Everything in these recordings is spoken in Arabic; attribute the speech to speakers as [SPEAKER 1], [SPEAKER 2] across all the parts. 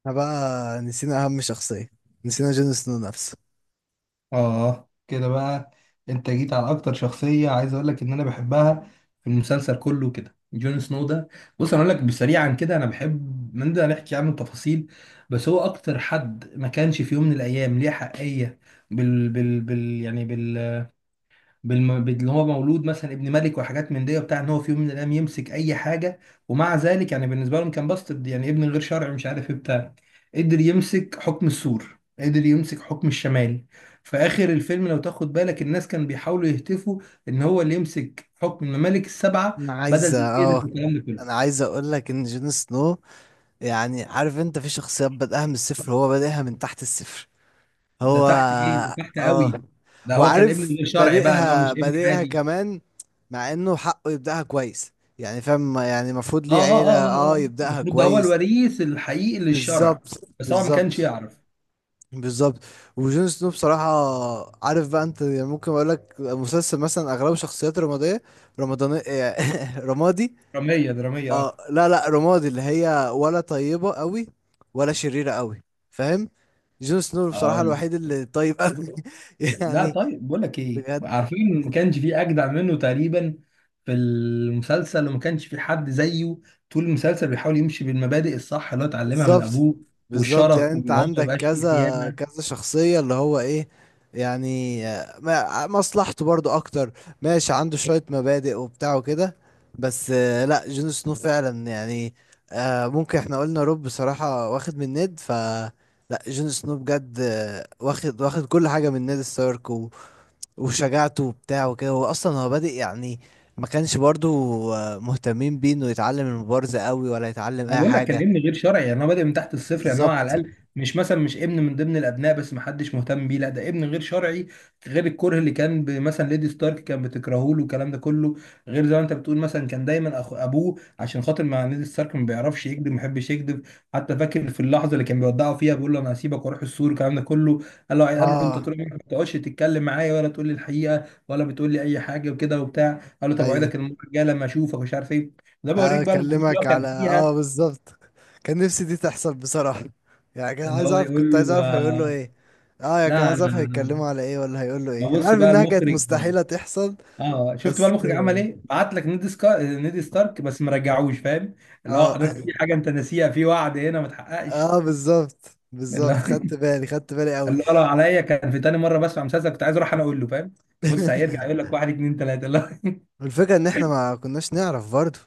[SPEAKER 1] احنا بقى نسينا اهم شخصية. نسينا جون سنو نفسه.
[SPEAKER 2] اه، كده بقى. انت جيت على اكتر شخصية عايز اقول لك ان انا بحبها في المسلسل كله، كده جون سنو ده. بص، انا اقول لك بسريعا كده، انا بحب من ده نحكي عنه التفاصيل. بس هو اكتر حد ما كانش في يوم من الايام ليه حقية بال بال بال يعني اللي هو مولود مثلا ابن ملك وحاجات من دي وبتاع ان هو في يوم من الايام يمسك اي حاجه. ومع ذلك يعني بالنسبه لهم كان باسترد، يعني ابن غير شرعي مش عارف ايه بتاع. قدر يمسك حكم السور، قدر يمسك حكم الشمال. في اخر الفيلم لو تاخد بالك الناس كانوا بيحاولوا يهتفوا ان هو اللي يمسك حكم الممالك السبعه
[SPEAKER 1] انا عايز
[SPEAKER 2] بدل دينيريس
[SPEAKER 1] اه
[SPEAKER 2] والكلام ده
[SPEAKER 1] انا
[SPEAKER 2] كله.
[SPEAKER 1] عايز اقول لك ان جون سنو، يعني عارف انت، في شخصيات بدأها من الصفر، هو بادئها من تحت الصفر.
[SPEAKER 2] ده
[SPEAKER 1] هو
[SPEAKER 2] تحت ايه؟ ده تحت
[SPEAKER 1] اه
[SPEAKER 2] قوي. ده هو كان ابن
[SPEAKER 1] وعارف،
[SPEAKER 2] غير شرعي بقى، اللي هو مش
[SPEAKER 1] بادئها
[SPEAKER 2] ابن
[SPEAKER 1] بادئها
[SPEAKER 2] عادي.
[SPEAKER 1] كمان، مع انه حقه يبدأها كويس. يعني فاهم، يعني المفروض
[SPEAKER 2] اه
[SPEAKER 1] ليه
[SPEAKER 2] اه
[SPEAKER 1] عيلة،
[SPEAKER 2] اه آه. آه.
[SPEAKER 1] يبدأها
[SPEAKER 2] المفروض ده هو
[SPEAKER 1] كويس.
[SPEAKER 2] الوريث الحقيقي للشرع،
[SPEAKER 1] بالظبط،
[SPEAKER 2] بس هو ما كانش
[SPEAKER 1] بالظبط،
[SPEAKER 2] يعرف.
[SPEAKER 1] بالظبط. وجون سنو بصراحة، عارف بقى انت، يعني ممكن اقول لك مسلسل مثلا اغلبه شخصيات رمادية، رمضانية رمادي.
[SPEAKER 2] درامية درامية،
[SPEAKER 1] اه، لا لا، رمادي، اللي هي ولا طيبة قوي ولا شريرة قوي، فاهم. جون سنو بصراحة
[SPEAKER 2] اقول
[SPEAKER 1] الوحيد
[SPEAKER 2] لك.
[SPEAKER 1] اللي طيب قوي.
[SPEAKER 2] لا
[SPEAKER 1] يعني
[SPEAKER 2] طيب، بقول لك ايه،
[SPEAKER 1] بجد.
[SPEAKER 2] عارفين ما كانش في اجدع منه تقريبا في المسلسل، وما كانش في حد زيه. طول المسلسل بيحاول يمشي بالمبادئ الصح اللي هو اتعلمها من
[SPEAKER 1] بالظبط،
[SPEAKER 2] ابوه،
[SPEAKER 1] بالظبط. يعني
[SPEAKER 2] والشرف،
[SPEAKER 1] انت
[SPEAKER 2] وان هو ما
[SPEAKER 1] عندك
[SPEAKER 2] يبقاش فيه
[SPEAKER 1] كذا
[SPEAKER 2] خيانة.
[SPEAKER 1] كذا شخصية اللي هو ايه، يعني مصلحته برضو اكتر. ماشي، عنده شوية مبادئ وبتاع وكده، بس لا، جون سنو فعلا يعني. ممكن احنا قلنا روب بصراحة واخد من نيد لا، جون سنو بجد واخد كل حاجة من نيد ستارك وشجاعته وبتاع وكده، هو اصلا هو بادئ يعني، ما كانش برضو مهتمين بيه انه يتعلم المبارزة قوي ولا يتعلم
[SPEAKER 2] ما
[SPEAKER 1] اي
[SPEAKER 2] بقول لك كان
[SPEAKER 1] حاجة.
[SPEAKER 2] ابن غير شرعي، يعني هو بادئ من تحت الصفر، يعني هو على
[SPEAKER 1] بالظبط.
[SPEAKER 2] الاقل مش مثلا مش ابن من ضمن الابناء بس ما حدش مهتم بيه، لا ده ابن غير شرعي. غير الكره اللي كان مثلا ليدي ستارك كان بتكرهه له والكلام ده كله. غير زي ما انت بتقول مثلا كان دايما أخو ابوه عشان خاطر، مع ليدي ستارك ما بيعرفش يكذب، ما بيحبش يكذب. حتى فاكر في اللحظه اللي كان بيودعه فيها بيقول له انا هسيبك واروح السور والكلام ده كله، قال له انت
[SPEAKER 1] اه
[SPEAKER 2] طول عمرك ما بتقعدش تتكلم معايا ولا تقول لي الحقيقه ولا بتقول لي اي حاجه وكده وبتاع. قال له طب
[SPEAKER 1] ايوه،
[SPEAKER 2] اوعدك المره الجايه لما اشوفك مش عارف ايه. ده بوريك بقى الموضوع اللي هو
[SPEAKER 1] هكلمك
[SPEAKER 2] كان
[SPEAKER 1] على
[SPEAKER 2] فيها،
[SPEAKER 1] بالظبط. كان نفسي دي تحصل بصراحة. يعني كان
[SPEAKER 2] ان
[SPEAKER 1] عايز
[SPEAKER 2] هو
[SPEAKER 1] اعرف كنت
[SPEAKER 2] يقول
[SPEAKER 1] عايز
[SPEAKER 2] له
[SPEAKER 1] اعرف هيقول له ايه. اه، كان
[SPEAKER 2] لا
[SPEAKER 1] عايز اعرف
[SPEAKER 2] انا.
[SPEAKER 1] هيتكلموا على ايه ولا هيقول له
[SPEAKER 2] ما
[SPEAKER 1] ايه. انا
[SPEAKER 2] بص
[SPEAKER 1] عارف
[SPEAKER 2] بقى
[SPEAKER 1] انها كانت
[SPEAKER 2] المخرج،
[SPEAKER 1] مستحيلة تحصل.
[SPEAKER 2] اه شفت بقى
[SPEAKER 1] بس.
[SPEAKER 2] المخرج عمل ايه؟ بعت لك نيد ستارك بس ما رجعوش، فاهم؟ اللي هو
[SPEAKER 1] اه
[SPEAKER 2] حضرتك في حاجه انت ناسيها، في وعد هنا ما اتحققش.
[SPEAKER 1] اه، بالظبط،
[SPEAKER 2] اللي
[SPEAKER 1] بالظبط،
[SPEAKER 2] هو
[SPEAKER 1] خدت بالي، خدت بالي قوي.
[SPEAKER 2] اللي هو لو عليا كان في تاني مره بسمع مسلسل كنت عايز اروح انا اقول له، فاهم؟ بص هيرجع يقول لك واحد اتنين تلاته اللي هو.
[SPEAKER 1] والفكرة ان احنا ما كناش نعرف برضه.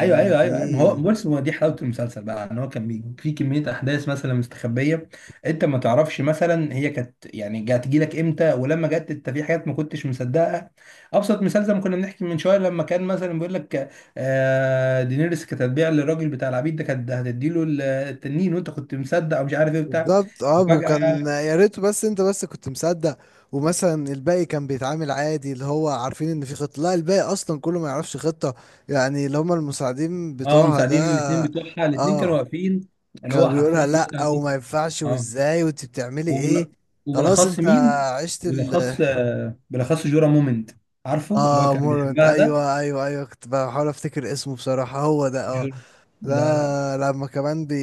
[SPEAKER 2] ايوه ايوه ايوه أيوة. ما هو
[SPEAKER 1] دي
[SPEAKER 2] بص هو دي حلاوه المسلسل بقى، ان هو كان في كميه احداث مثلا مستخبيه. انت ما تعرفش مثلا هي كانت يعني جات لك امتى، ولما جت انت في حاجات ما كنتش مصدقها. ابسط مثال زي ما كنا بنحكي من شويه، لما كان مثلا بيقول لك آه دينيريس كانت هتبيع للراجل بتاع العبيد ده، كانت هتديله التنين، وانت كنت مصدق او مش عارف ايه بتاع.
[SPEAKER 1] بالظبط. اه، وكان
[SPEAKER 2] فجاه.
[SPEAKER 1] يا ريت، بس انت بس كنت مصدق. ومثلا الباقي كان بيتعامل عادي، اللي هو عارفين ان في خطة، لا الباقي اصلا كله ما يعرفش خطة. يعني اللي هم المساعدين
[SPEAKER 2] اه
[SPEAKER 1] بتوعها
[SPEAKER 2] مساعدين
[SPEAKER 1] ده.
[SPEAKER 2] الاثنين بتوعها، الاثنين كانوا
[SPEAKER 1] اه،
[SPEAKER 2] واقفين. اللي
[SPEAKER 1] كان
[SPEAKER 2] هو
[SPEAKER 1] بيقولها
[SPEAKER 2] حرفيا
[SPEAKER 1] لا او
[SPEAKER 2] مثلا.
[SPEAKER 1] ما ينفعش،
[SPEAKER 2] اه.
[SPEAKER 1] وازاي، وانت بتعملي ايه؟
[SPEAKER 2] وبال...
[SPEAKER 1] خلاص.
[SPEAKER 2] وبالاخص
[SPEAKER 1] انت
[SPEAKER 2] مين؟
[SPEAKER 1] عشت ال
[SPEAKER 2] بالاخص بالاخص جورا مومنت، عارفه اللي هو
[SPEAKER 1] اه
[SPEAKER 2] كان
[SPEAKER 1] مورنت.
[SPEAKER 2] بيحبها ده.
[SPEAKER 1] ايوه ايوه ايوه، كنت بحاول افتكر اسمه بصراحة، هو ده اه
[SPEAKER 2] جورا ده، لا.
[SPEAKER 1] لا، لما كمان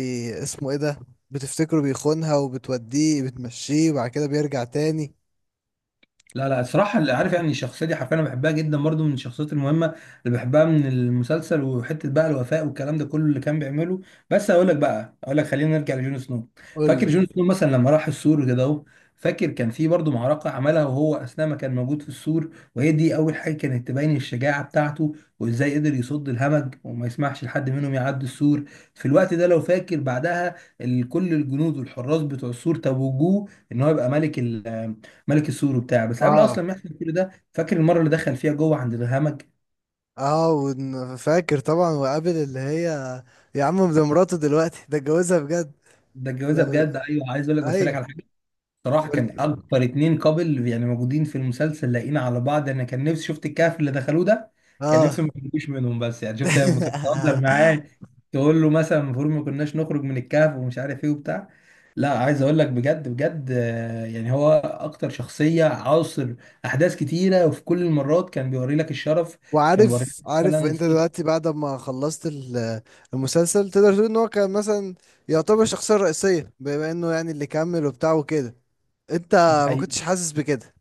[SPEAKER 1] اسمه ايه ده؟ بتفتكره بيخونها وبتوديه بتمشيه وبعد كده بيرجع تاني.
[SPEAKER 2] لا لا الصراحة اللي عارف، يعني الشخصية دي حرفيا أنا بحبها جدا برضو، من الشخصيات المهمة اللي بحبها من المسلسل، وحتة بقى الوفاء والكلام ده كله اللي كان بيعمله. بس هقول لك خلينا نرجع لجون سنو. فاكر
[SPEAKER 1] قولي.
[SPEAKER 2] جون سنو مثلا لما راح السور كده أهو؟ فاكر كان في برضو معركة عملها وهو أثناء ما كان موجود في السور، وهي دي أول حاجة كانت تبين الشجاعة بتاعته، وإزاي قدر يصد الهمج وما يسمحش لحد منهم يعدي السور. في الوقت ده لو فاكر بعدها، كل الجنود والحراس بتوع السور توجوه إن هو يبقى ملك، ملك السور وبتاع. بس قبل اصلا
[SPEAKER 1] اه
[SPEAKER 2] ما يحصل كل ده، فاكر المره اللي دخل فيها جوه عند الهمج؟
[SPEAKER 1] اه، فاكر طبعا، وقابل اللي هي، يا عم ده مراته دلوقتي، ده اتجوزها بجد.
[SPEAKER 2] ده الجوازه
[SPEAKER 1] لو...
[SPEAKER 2] بجد. ايوه عايز اقول لك، بس أقول لك
[SPEAKER 1] ايوه،
[SPEAKER 2] على حاجه. صراحه
[SPEAKER 1] قولي.
[SPEAKER 2] كان اكتر اتنين قابل يعني موجودين في المسلسل لاقيين على بعض، انا كان نفسي شفت الكهف اللي دخلوه ده. كان
[SPEAKER 1] اه.
[SPEAKER 2] نفسي ما يخرجوش منهم، بس يعني شفت لما كان بتهزر معاه تقول له مثلا المفروض ما كناش نخرج من الكهف ومش عارف ايه وبتاع. لا عايز اقول لك بجد بجد، يعني هو اكتر شخصيه عاصر احداث كتيره، وفي كل المرات كان بيوري لك الشرف. كان بيوري لك
[SPEAKER 1] وعارف، عارف
[SPEAKER 2] مثلا
[SPEAKER 1] انت
[SPEAKER 2] صوت.
[SPEAKER 1] دلوقتي بعد ما خلصت المسلسل، تقدر تقول ان هو كان مثلا يعتبر الشخصية الرئيسية، بما انه يعني اللي كمل وبتاع وكده. انت ما كنتش حاسس بكده؟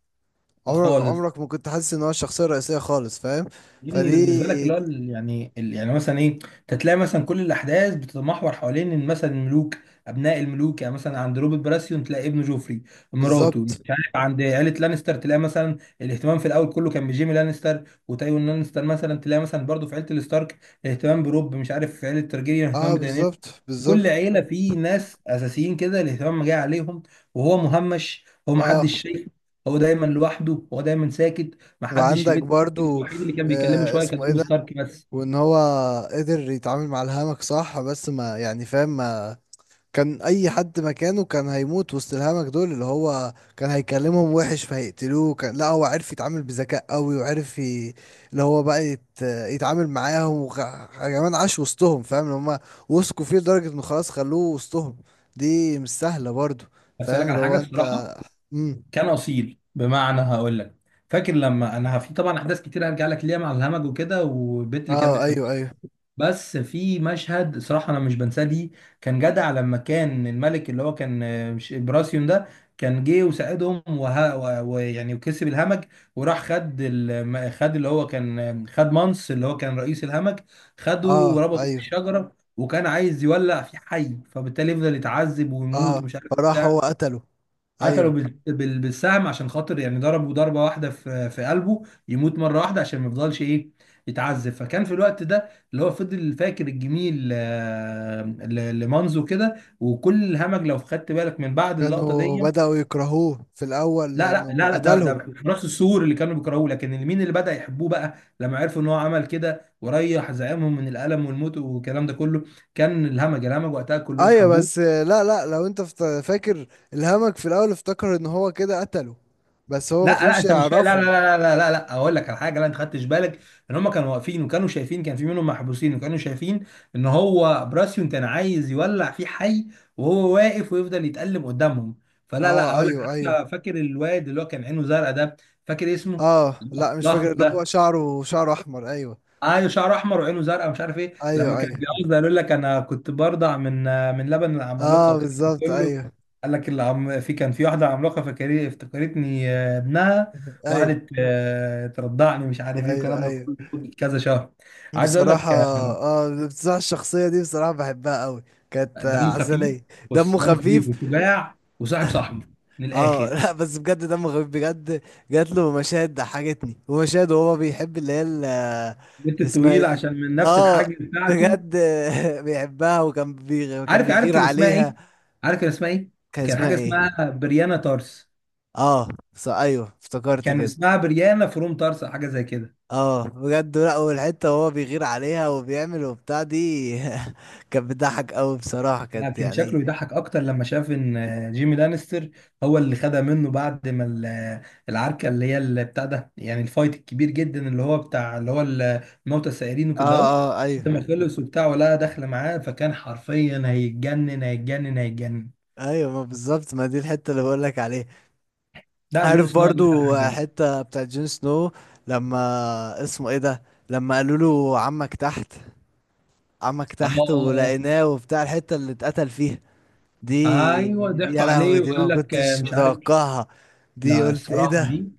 [SPEAKER 1] عمرك،
[SPEAKER 2] خالص.
[SPEAKER 1] عمرك ما كنت حاسس ان هو الشخصيه الرئيسيه خالص، فاهم؟
[SPEAKER 2] يعني ده بالنسبه لك
[SPEAKER 1] فدي
[SPEAKER 2] اللي هو يعني يعني مثلا ايه. انت تلاقي مثلا كل الاحداث بتتمحور حوالين ان مثلا الملوك، ابناء الملوك، يعني مثلا عند روبرت براسيون تلاقي ابنه جوفري، مراته مش
[SPEAKER 1] بالظبط.
[SPEAKER 2] عارف، عند عيله لانستر تلاقي مثلا الاهتمام في الاول كله كان بجيمي لانستر وتايوان لانستر، مثلا تلاقي مثلا برضه في عيله الستارك الاهتمام بروب، مش عارف في عيله تارجيريان الاهتمام
[SPEAKER 1] اه،
[SPEAKER 2] بدانيل.
[SPEAKER 1] بالظبط،
[SPEAKER 2] كل
[SPEAKER 1] بالظبط.
[SPEAKER 2] عيله في ناس اساسيين كده الاهتمام جاي عليهم، وهو مهمش، هو
[SPEAKER 1] اه،
[SPEAKER 2] محدش شايفه. هو دايما لوحده، هو دايما ساكت، محدش في
[SPEAKER 1] وعندك
[SPEAKER 2] بيت.
[SPEAKER 1] برضو
[SPEAKER 2] الوحيد اللي كان بيكلمه شويه كان
[SPEAKER 1] اسمه ايه
[SPEAKER 2] روب
[SPEAKER 1] ده،
[SPEAKER 2] ستارك بس.
[SPEAKER 1] وان هو قدر يتعامل مع الهمك صح. بس ما يعني، فاهم، ما كان اي حد مكانه كان هيموت وسط الهمج دول. اللي هو كان هيكلمهم وحش فهيقتلوه. كان، لا، هو عرف يتعامل بذكاء قوي، وعرف اللي هو بقى يتعامل معاهم كمان عاش وسطهم، فاهم، اللي هم وثقوا فيه لدرجة انه خلاص خلوه وسطهم. دي مش سهلة برضو.
[SPEAKER 2] بس اقول
[SPEAKER 1] فاهم
[SPEAKER 2] لك على
[SPEAKER 1] اللي
[SPEAKER 2] حاجه
[SPEAKER 1] هو
[SPEAKER 2] الصراحه،
[SPEAKER 1] انت امم
[SPEAKER 2] كان اصيل. بمعنى هقول لك، فاكر لما انا في طبعا احداث كتير هرجع لك ليها مع الهمج وكده والبنت اللي كان
[SPEAKER 1] اه
[SPEAKER 2] بيحبها،
[SPEAKER 1] ايوه ايوه.
[SPEAKER 2] بس في مشهد صراحة أنا مش بنساه ليه. كان جدع لما كان الملك اللي هو كان مش براسيون ده، كان جه وساعدهم ويعني وكسب الهمج، وراح خد خد اللي هو كان خد مانس، اللي هو كان رئيس الهمج، خده
[SPEAKER 1] اه
[SPEAKER 2] وربطه
[SPEAKER 1] ايوه.
[SPEAKER 2] بالشجرة، وكان عايز يولع في حي فبالتالي يفضل يتعذب ويموت
[SPEAKER 1] اه،
[SPEAKER 2] ومش عارف
[SPEAKER 1] فراح
[SPEAKER 2] بتاع.
[SPEAKER 1] هو قتله.
[SPEAKER 2] قتله
[SPEAKER 1] ايوه،
[SPEAKER 2] بالسهم، عشان خاطر يعني ضربه ضربة واحدة في في قلبه، يموت مرة واحدة عشان ما يفضلش ايه، يتعذب. فكان في الوقت ده اللي هو فضل فاكر الجميل لمانزو كده، وكل الهمج لو خدت بالك من بعد اللقطة
[SPEAKER 1] كانوا
[SPEAKER 2] دي.
[SPEAKER 1] بدأوا يكرهوه في الاول
[SPEAKER 2] لا لا
[SPEAKER 1] لانه
[SPEAKER 2] لا لا ده
[SPEAKER 1] قتلهم.
[SPEAKER 2] حراس السور اللي كانوا بيكرهوه، لكن مين اللي بدأ يحبوه بقى لما عرفوا ان هو عمل كده وريح زعيمهم من الألم والموت والكلام ده كله؟ كان الهمج، الهمج وقتها كلهم
[SPEAKER 1] ايوه، بس
[SPEAKER 2] حبوه.
[SPEAKER 1] لا لا، لو انت فاكر، الهمك في الاول افتكر ان هو كده قتله، بس هو
[SPEAKER 2] لا
[SPEAKER 1] ما
[SPEAKER 2] لا،
[SPEAKER 1] كانوش
[SPEAKER 2] انت مش فاهم. لا لا.
[SPEAKER 1] يعرفوا.
[SPEAKER 2] لا لا لا لا اقول لك على حاجه، لا انت خدتش بالك ان هم كانوا واقفين وكانوا شايفين، كان في منهم محبوسين، وكانوا شايفين ان هو براسيون كان عايز يولع فيه حي وهو واقف ويفضل يتألم قدامهم. فلا لا،
[SPEAKER 1] اه
[SPEAKER 2] اقول لك.
[SPEAKER 1] ايوه ايوه.
[SPEAKER 2] حتى فاكر الواد اللي هو كان عينه زرقاء ده، فاكر اسمه؟
[SPEAKER 1] اه، لا مش
[SPEAKER 2] الضخم
[SPEAKER 1] فاكر، اللي هو
[SPEAKER 2] ده،
[SPEAKER 1] شعره احمر، ايوه
[SPEAKER 2] ايوه شعره احمر وعينه زرقاء ومش عارف ايه، لما
[SPEAKER 1] ايوه
[SPEAKER 2] كان
[SPEAKER 1] ايوه.
[SPEAKER 2] بيعوز يقول لك انا كنت برضع من من لبن العمالقه،
[SPEAKER 1] اه
[SPEAKER 2] وكان
[SPEAKER 1] بالظبط،
[SPEAKER 2] كله
[SPEAKER 1] ايوه
[SPEAKER 2] قال لك العم في كان في واحده عملاقه فكري افتكرتني ابنها،
[SPEAKER 1] ايوه
[SPEAKER 2] وقعدت ترضعني مش عارف ايه
[SPEAKER 1] ايوه
[SPEAKER 2] والكلام ده
[SPEAKER 1] ايوه.
[SPEAKER 2] كله لمدة كذا شهر. عايز اقول
[SPEAKER 1] بصراحة،
[SPEAKER 2] لك
[SPEAKER 1] الشخصية دي بصراحة بحبها قوي. كانت
[SPEAKER 2] دمه خفيف.
[SPEAKER 1] عسلية، دمه
[SPEAKER 2] بص دمه خفيف
[SPEAKER 1] خفيف.
[SPEAKER 2] وشجاع وصاحب صاحبه، من
[SPEAKER 1] اه.
[SPEAKER 2] الاخر.
[SPEAKER 1] لا بس بجد دمه خفيف بجد. جات له مشاهد ضحكتني، ومشاهد وهو بيحب اللي هي
[SPEAKER 2] بنت
[SPEAKER 1] اسمها ايه
[SPEAKER 2] طويله
[SPEAKER 1] دي؟
[SPEAKER 2] عشان من نفس
[SPEAKER 1] اه
[SPEAKER 2] الحاجه بتاعته.
[SPEAKER 1] بجد. بيحبها، وكان
[SPEAKER 2] عارف عارف
[SPEAKER 1] بيغير
[SPEAKER 2] كان اسمها ايه؟
[SPEAKER 1] عليها.
[SPEAKER 2] عارف كان اسمها ايه؟
[SPEAKER 1] كان
[SPEAKER 2] كان
[SPEAKER 1] اسمها
[SPEAKER 2] حاجه
[SPEAKER 1] ايه؟
[SPEAKER 2] اسمها بريانا تارس.
[SPEAKER 1] اه، ايوه افتكرت
[SPEAKER 2] كان
[SPEAKER 1] كده.
[SPEAKER 2] اسمها بريانا فروم طارسا، حاجه زي كده.
[SPEAKER 1] اه بجد، لا، والحته وهو بيغير عليها وبيعمل وبتاع دي. كانت بتضحك قوي بصراحه،
[SPEAKER 2] لا
[SPEAKER 1] كانت
[SPEAKER 2] كان
[SPEAKER 1] يعني.
[SPEAKER 2] شكله يضحك اكتر لما شاف ان جيمي لانستر هو اللي خدها منه بعد ما العركه اللي هي اللي بتاع ده، يعني الفايت الكبير جدا اللي هو بتاع، اللي هو موتى السائرين
[SPEAKER 1] اه
[SPEAKER 2] وكده اهو.
[SPEAKER 1] اه ايوه
[SPEAKER 2] بعد ما خلص وبتاع ولا داخله معاه، فكان حرفيا هيتجنن هيتجنن هيتجنن.
[SPEAKER 1] ايوه، ما بالظبط، ما دي الحته اللي بقول لك عليها.
[SPEAKER 2] ده جون
[SPEAKER 1] عارف
[SPEAKER 2] سنو اكتر
[SPEAKER 1] برضو
[SPEAKER 2] حاجه بقى.
[SPEAKER 1] حتة بتاعت جون سنو لما اسمه ايه ده، لما قالوا له عمك تحت. عمك
[SPEAKER 2] اه
[SPEAKER 1] تحت ولقيناه وبتاع، الحتة اللي اتقتل فيها
[SPEAKER 2] آه. ايوه
[SPEAKER 1] دي. دي،
[SPEAKER 2] ضحكوا
[SPEAKER 1] يا لهوي،
[SPEAKER 2] عليه
[SPEAKER 1] دي ما
[SPEAKER 2] وقال لك
[SPEAKER 1] كنتش
[SPEAKER 2] مش عارف.
[SPEAKER 1] متوقعها. دي
[SPEAKER 2] لا
[SPEAKER 1] قلت ايه
[SPEAKER 2] الصراحة
[SPEAKER 1] ده.
[SPEAKER 2] دي،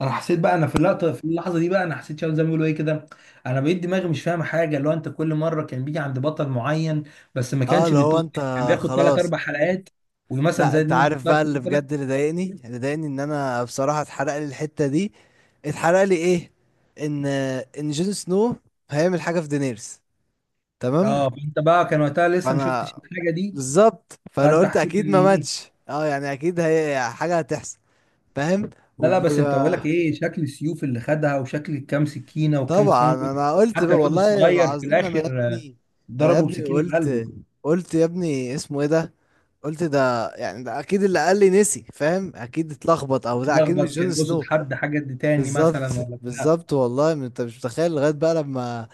[SPEAKER 2] انا حسيت بقى، انا في اللقطة في اللحظة دي بقى انا حسيت شباب زي ما بيقولوا ايه كده، انا بقيت دماغي مش فاهمة حاجة. اللي هو انت كل مرة كان بيجي عند بطل معين بس ما
[SPEAKER 1] اه،
[SPEAKER 2] كانش
[SPEAKER 1] اللي هو
[SPEAKER 2] بيطول،
[SPEAKER 1] انت
[SPEAKER 2] كان بياخد ثلاث
[SPEAKER 1] خلاص.
[SPEAKER 2] اربع حلقات. ومثلا
[SPEAKER 1] لا،
[SPEAKER 2] زي
[SPEAKER 1] انت
[SPEAKER 2] دينا
[SPEAKER 1] عارف
[SPEAKER 2] الشرف
[SPEAKER 1] بقى، اللي
[SPEAKER 2] مثلا.
[SPEAKER 1] بجد اللي ضايقني، ان انا بصراحة اتحرق لي الحتة دي. اتحرق لي ايه؟ ان ان جون سنو هيعمل حاجة في دينيرس، تمام؟
[SPEAKER 2] اه فانت بقى كان وقتها لسه ما
[SPEAKER 1] فانا
[SPEAKER 2] شفتش الحاجة دي،
[SPEAKER 1] بالظبط، فانا
[SPEAKER 2] فانت
[SPEAKER 1] قلت
[SPEAKER 2] حسيت
[SPEAKER 1] اكيد
[SPEAKER 2] ان
[SPEAKER 1] ما
[SPEAKER 2] ايه؟
[SPEAKER 1] ماتش، اه، يعني اكيد هي حاجه هتحصل، فاهم؟
[SPEAKER 2] لا لا، بس انت بقول
[SPEAKER 1] وب-
[SPEAKER 2] لك ايه شكل السيوف اللي خدها، وشكل كام سكينة وكام
[SPEAKER 1] طبعا
[SPEAKER 2] خنجر.
[SPEAKER 1] انا قلت
[SPEAKER 2] حتى
[SPEAKER 1] بقى
[SPEAKER 2] الواد
[SPEAKER 1] والله
[SPEAKER 2] الصغير في
[SPEAKER 1] العظيم، انا يا
[SPEAKER 2] الاخر
[SPEAKER 1] ابني، انا يا
[SPEAKER 2] ضربه
[SPEAKER 1] ابني
[SPEAKER 2] بسكينة في قلبه.
[SPEAKER 1] قلت. قلت يا ابني اسمه ايه ده. قلت ده، يعني ده اكيد اللي قال لي نسي، فاهم، اكيد اتلخبط، او ده اكيد مش
[SPEAKER 2] اتلخبط، كان
[SPEAKER 1] جون
[SPEAKER 2] يقصد
[SPEAKER 1] سنو.
[SPEAKER 2] حد حاجة دي تاني
[SPEAKER 1] بالظبط،
[SPEAKER 2] مثلا ولا بتاع.
[SPEAKER 1] بالظبط، والله ما انت مش متخيل لغايه بقى لما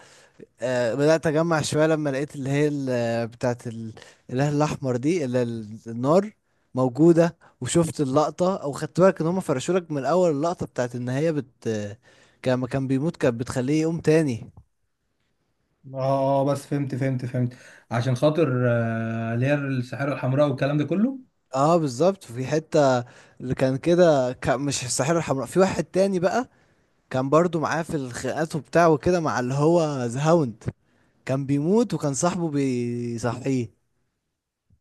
[SPEAKER 1] بدأت أجمع شوية. لما لقيت اللي هي بتاعة الإله الأحمر دي، اللي النار موجودة، وشفت اللقطة، أو خدت بالك إن هما فرشولك من أول اللقطة بتاعة إن هي كان بيموت، كانت بتخليه يقوم تاني.
[SPEAKER 2] اه بس فهمت فهمت فهمت عشان خاطر اللي هي السحارة الحمراء والكلام ده كله.
[SPEAKER 1] اه بالظبط، في حتة اللي كان كده، كان مش الساحرة الحمراء، في واحد تاني بقى كان برضو معاه في الخناقات وبتاع وكده مع اللي هو ذا هاوند، كان بيموت وكان صاحبه بيصحيه.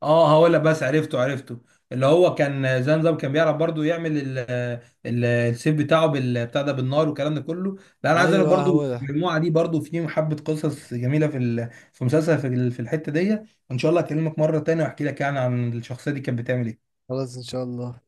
[SPEAKER 2] اه هقول لك بس، عرفته عرفته. اللي هو كان زي نظام كان بيعرف برضو يعمل السيف بتاعه بتاع ده بالنار والكلام ده كله. لا انا عايز اقول لك
[SPEAKER 1] ايوه
[SPEAKER 2] برضو
[SPEAKER 1] هو ده.
[SPEAKER 2] المجموعه دي برضو، في حبه قصص جميله في في مسلسل في في الحته دي. ان شاء الله اكلمك مره تانية واحكي لك يعني عن الشخصيه دي كانت بتعمل ايه.
[SPEAKER 1] خلاص، ان شاء الله.